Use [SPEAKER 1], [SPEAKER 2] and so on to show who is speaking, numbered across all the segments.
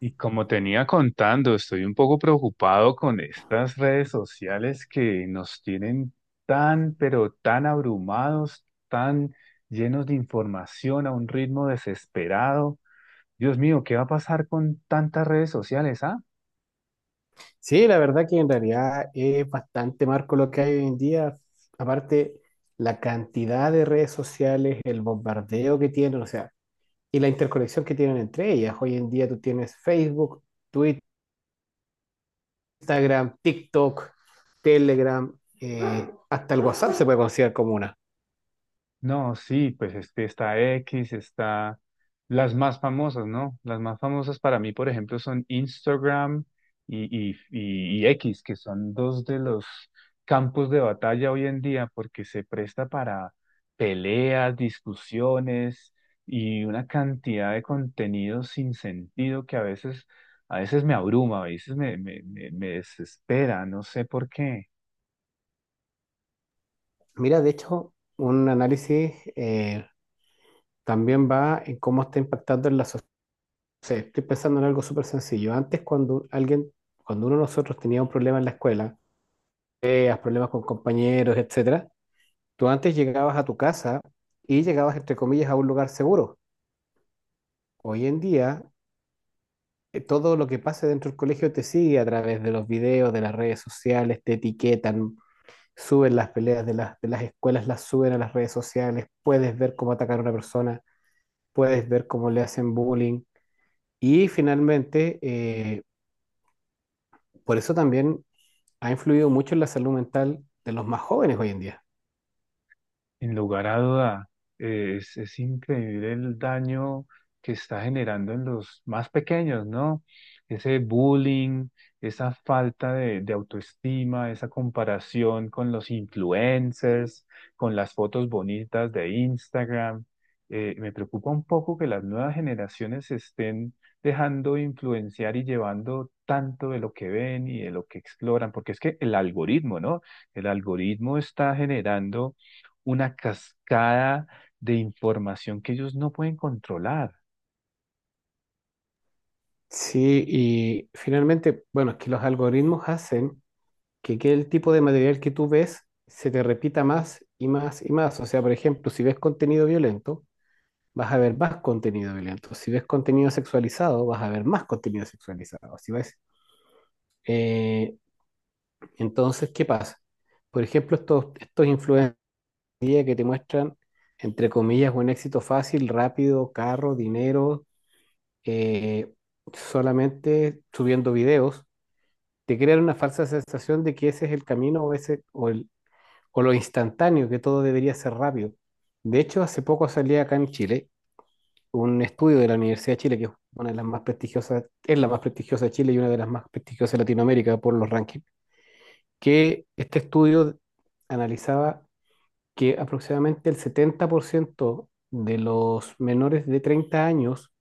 [SPEAKER 1] Y como tenía contando, estoy un poco preocupado con estas redes sociales que nos tienen tan, pero tan abrumados, tan llenos de información a un ritmo desesperado. Dios mío, ¿qué va a pasar con tantas redes sociales,
[SPEAKER 2] Sí, la verdad que en realidad es bastante marco lo que hay hoy en día. Aparte, la cantidad de redes sociales, el bombardeo que tienen, o sea, y la interconexión que tienen entre ellas. Hoy en día tú tienes Facebook, Twitter, Instagram, TikTok, Telegram, hasta el WhatsApp se puede considerar como una.
[SPEAKER 1] No, sí, pues este está X, está las más famosas, ¿no? Las más famosas para mí, por ejemplo, son Instagram y X, que son dos de los campos de batalla hoy en día, porque se presta para peleas, discusiones y una cantidad de contenido sin sentido que a veces me abruma, a veces me desespera, no sé por qué.
[SPEAKER 2] Mira, de hecho, un análisis, también va en cómo está impactando en la sociedad. Estoy pensando en algo súper sencillo. Antes, cuando alguien, cuando uno de nosotros tenía un problema en la escuela, peleas, problemas con compañeros, etcétera, tú antes llegabas a tu casa y llegabas, entre comillas, a un lugar seguro. Hoy en día, todo lo que pase dentro del colegio te sigue a través de los videos, de las redes sociales, te etiquetan, suben las peleas de las escuelas, las suben a las redes sociales, puedes ver cómo atacar a una persona, puedes ver cómo le hacen bullying. Y finalmente, por eso también ha influido mucho en la salud mental de los más jóvenes hoy en día.
[SPEAKER 1] Sin lugar a duda, es increíble el daño que está generando en los más pequeños, ¿no? Ese bullying, esa falta de autoestima, esa comparación con los influencers, con las fotos bonitas de Instagram. Me preocupa un poco que las nuevas generaciones se estén dejando influenciar y llevando tanto de lo que ven y de lo que exploran, porque es que el algoritmo, ¿no? El algoritmo está generando una cascada de información que ellos no pueden controlar.
[SPEAKER 2] Sí, y finalmente, bueno, es que los algoritmos hacen que el tipo de material que tú ves se te repita más y más y más. O sea, por ejemplo, si ves contenido violento, vas a ver más contenido violento. Si ves contenido sexualizado, vas a ver más contenido sexualizado. Si ves, eh, entonces, ¿qué pasa? Por ejemplo, estos influencers que te muestran, entre comillas, un éxito fácil, rápido, carro, dinero, eh, solamente subiendo videos te crean una falsa sensación de que ese es el camino o, ese, o, el, o lo instantáneo, que todo debería ser rápido. De hecho, hace poco salía acá en Chile un estudio de la Universidad de Chile, que es una de las más prestigiosas, es la más prestigiosa de Chile y una de las más prestigiosas de Latinoamérica por los rankings, que este estudio analizaba que aproximadamente el 70% de los menores de 30 años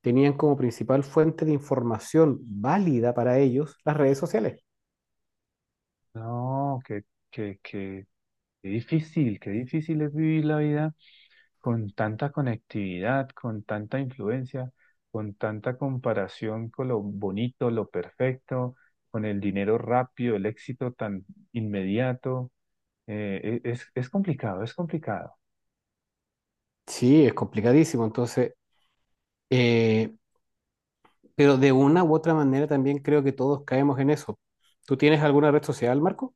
[SPEAKER 2] tenían como principal fuente de información válida para ellos las redes sociales.
[SPEAKER 1] No, qué, qué, qué, qué difícil es vivir la vida con tanta conectividad, con tanta influencia, con tanta comparación con lo bonito, lo perfecto, con el dinero rápido, el éxito tan inmediato. Es complicado, es complicado.
[SPEAKER 2] Sí, es complicadísimo. Eh, pero de una u otra manera también creo que todos caemos en eso. ¿Tú tienes alguna red social, Marco?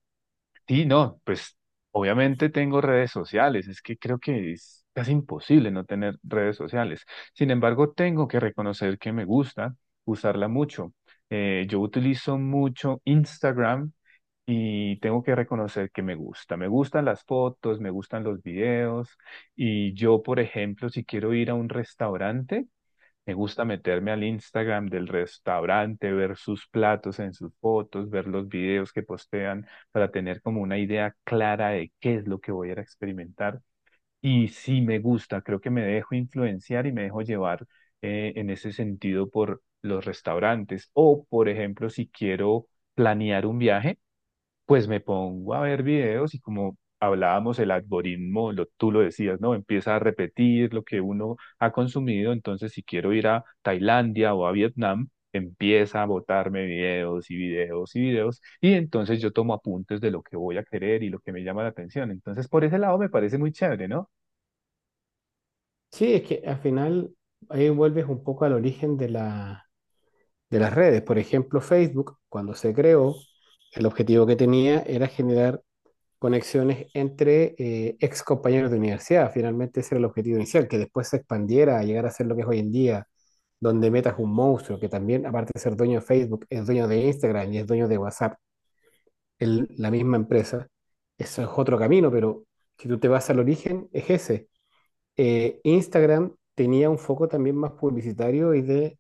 [SPEAKER 1] Sí, no, pues obviamente tengo redes sociales, es que creo que es casi imposible no tener redes sociales. Sin embargo, tengo que reconocer que me gusta usarla mucho. Yo utilizo mucho Instagram y tengo que reconocer que me gusta. Me gustan las fotos, me gustan los videos y yo, por ejemplo, si quiero ir a un restaurante, me gusta meterme al Instagram del restaurante, ver sus platos en sus fotos, ver los videos que postean para tener como una idea clara de qué es lo que voy a ir a experimentar. Y sí me gusta, creo que me dejo influenciar y me dejo llevar en ese sentido por los restaurantes. O, por ejemplo, si quiero planear un viaje. Pues me pongo a ver videos y como hablábamos, el algoritmo, tú lo decías, ¿no? Empieza a repetir lo que uno ha consumido, entonces si quiero ir a Tailandia o a Vietnam, empieza a botarme videos y videos y videos y entonces yo tomo apuntes de lo que voy a querer y lo que me llama la atención. Entonces por ese lado me parece muy chévere, ¿no?
[SPEAKER 2] Sí, es que al final ahí vuelves un poco al origen de las redes. Por ejemplo, Facebook, cuando se creó, el objetivo que tenía era generar conexiones entre ex compañeros de universidad. Finalmente ese era el objetivo inicial, que después se expandiera a llegar a ser lo que es hoy en día, donde Meta es un monstruo, que también, aparte de ser dueño de Facebook, es dueño de Instagram y es dueño de WhatsApp. La misma empresa. Eso es otro camino, pero si tú te vas al origen, es ese. Instagram tenía un foco también más publicitario y de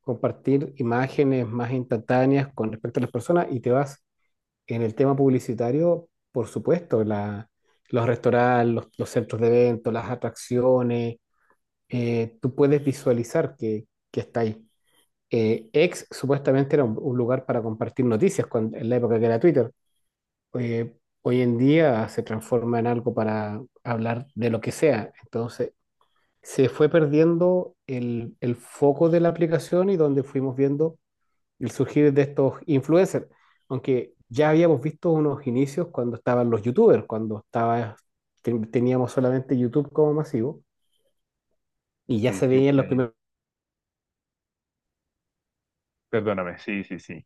[SPEAKER 2] compartir imágenes más instantáneas con respecto a las personas y te vas en el tema publicitario, por supuesto, los restaurantes, los centros de eventos, las atracciones, tú puedes visualizar que está ahí. X supuestamente era un lugar para compartir noticias en la época que era Twitter eh, hoy en día se transforma en algo para hablar de lo que sea. Entonces, se fue perdiendo el foco de la aplicación y donde fuimos viendo el surgir de estos influencers. Aunque ya habíamos visto unos inicios cuando estaban los youtubers, teníamos solamente YouTube como masivo y ya
[SPEAKER 1] Sí,
[SPEAKER 2] se
[SPEAKER 1] sí,
[SPEAKER 2] veían los
[SPEAKER 1] sí.
[SPEAKER 2] primeros.
[SPEAKER 1] Perdóname, sí, sí, sí.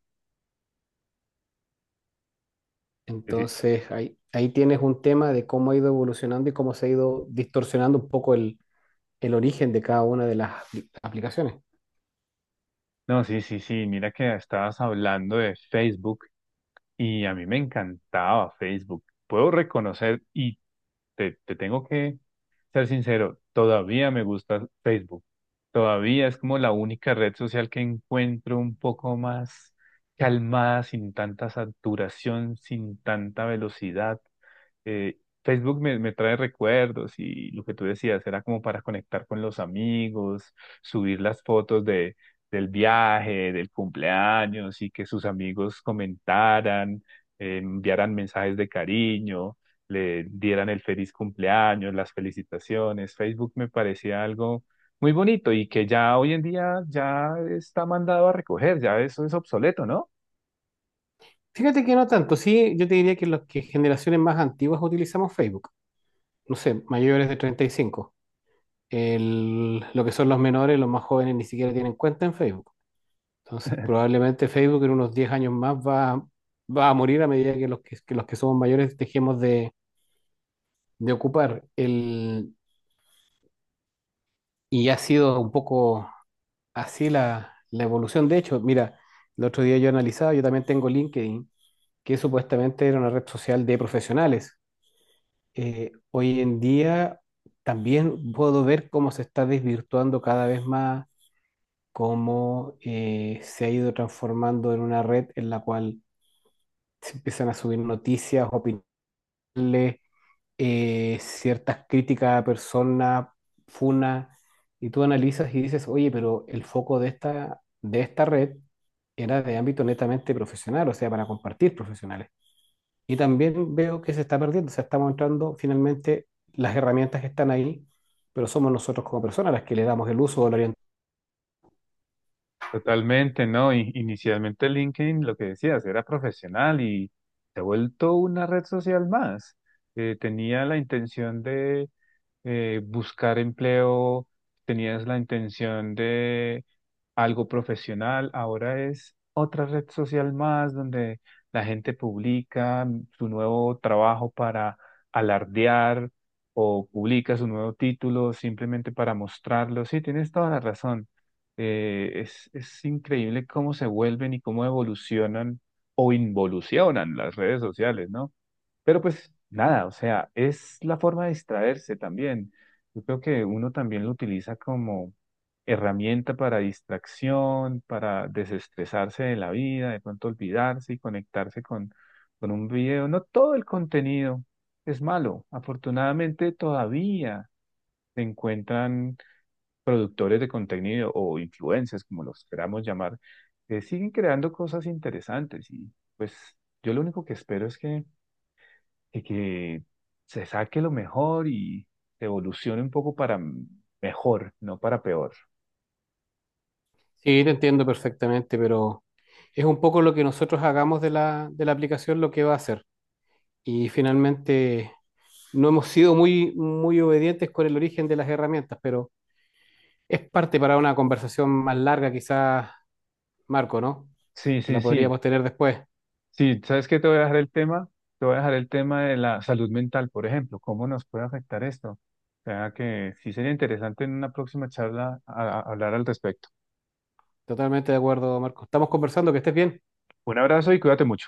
[SPEAKER 1] Que sí.
[SPEAKER 2] Entonces, ahí tienes un tema de cómo ha ido evolucionando y cómo se ha ido distorsionando un poco el origen de cada una de las aplicaciones.
[SPEAKER 1] No, sí, sí, sí, mira que estabas hablando de Facebook y a mí me encantaba Facebook. Puedo reconocer y te tengo que ser sincero, todavía me gusta Facebook. Todavía es como la única red social que encuentro un poco más calmada, sin tanta saturación, sin tanta velocidad, eh, Facebook me trae recuerdos y lo que tú decías era como para conectar con los amigos, subir las fotos del viaje, del cumpleaños y que sus amigos comentaran, enviaran mensajes de cariño, le dieran el feliz cumpleaños, las felicitaciones. Facebook me parecía algo muy bonito y que ya hoy en día ya está mandado a recoger, ya eso es obsoleto, ¿no?
[SPEAKER 2] Fíjate que no tanto, sí, yo te diría que los que generaciones más antiguas utilizamos Facebook, no sé, mayores de 35. El, lo que son los menores, los más jóvenes ni siquiera tienen cuenta en Facebook. Entonces, probablemente Facebook en unos 10 años más va a morir a medida que los que somos mayores dejemos de ocupar. El, y ha sido un poco así la evolución. De hecho, mira, el otro día yo analizaba, yo también tengo LinkedIn, que supuestamente era una red social de profesionales, hoy en día también puedo ver cómo se está desvirtuando cada vez más, cómo se ha ido transformando en una red en la cual se empiezan a subir noticias, opiniones, ciertas críticas a personas, funas, y tú analizas y dices, oye, pero el foco de esta red era de ámbito netamente profesional, o sea, para compartir profesionales. Y también veo que se está perdiendo, o sea, estamos entrando finalmente las herramientas que están ahí, pero somos nosotros como personas las que le damos el uso o la orientación.
[SPEAKER 1] Totalmente, ¿no? Inicialmente LinkedIn, lo que decías, era profesional y se ha vuelto una red social más. Tenía la intención de buscar empleo, tenías la intención de algo profesional, ahora es otra red social más donde la gente publica su nuevo trabajo para alardear o publica su nuevo título simplemente para mostrarlo. Sí, tienes toda la razón. Es increíble cómo se vuelven y cómo evolucionan o involucionan las redes sociales, ¿no? Pero pues nada, o sea, es la forma de distraerse también. Yo creo que uno también lo utiliza como herramienta para distracción, para desestresarse de la vida, de pronto olvidarse y conectarse con un video. No todo el contenido es malo. Afortunadamente todavía se encuentran productores de contenido o influencers, como los queramos llamar, que siguen creando cosas interesantes y pues yo lo único que espero es que de que se saque lo mejor y se evolucione un poco para mejor, no para peor.
[SPEAKER 2] Sí, te entiendo perfectamente, pero es un poco lo que nosotros hagamos de la aplicación lo que va a hacer. Y finalmente no hemos sido muy, muy obedientes con el origen de las herramientas, pero es parte para una conversación más larga, quizás, Marco, ¿no?
[SPEAKER 1] Sí,
[SPEAKER 2] Que
[SPEAKER 1] sí,
[SPEAKER 2] la
[SPEAKER 1] sí.
[SPEAKER 2] podríamos tener después.
[SPEAKER 1] Sí, ¿sabes qué? Te voy a dejar el tema de la salud mental, por ejemplo, cómo nos puede afectar esto. O sea que sí sería interesante en una próxima charla hablar al respecto.
[SPEAKER 2] Totalmente de acuerdo, Marco. Estamos conversando, que estés bien.
[SPEAKER 1] Un abrazo y cuídate mucho.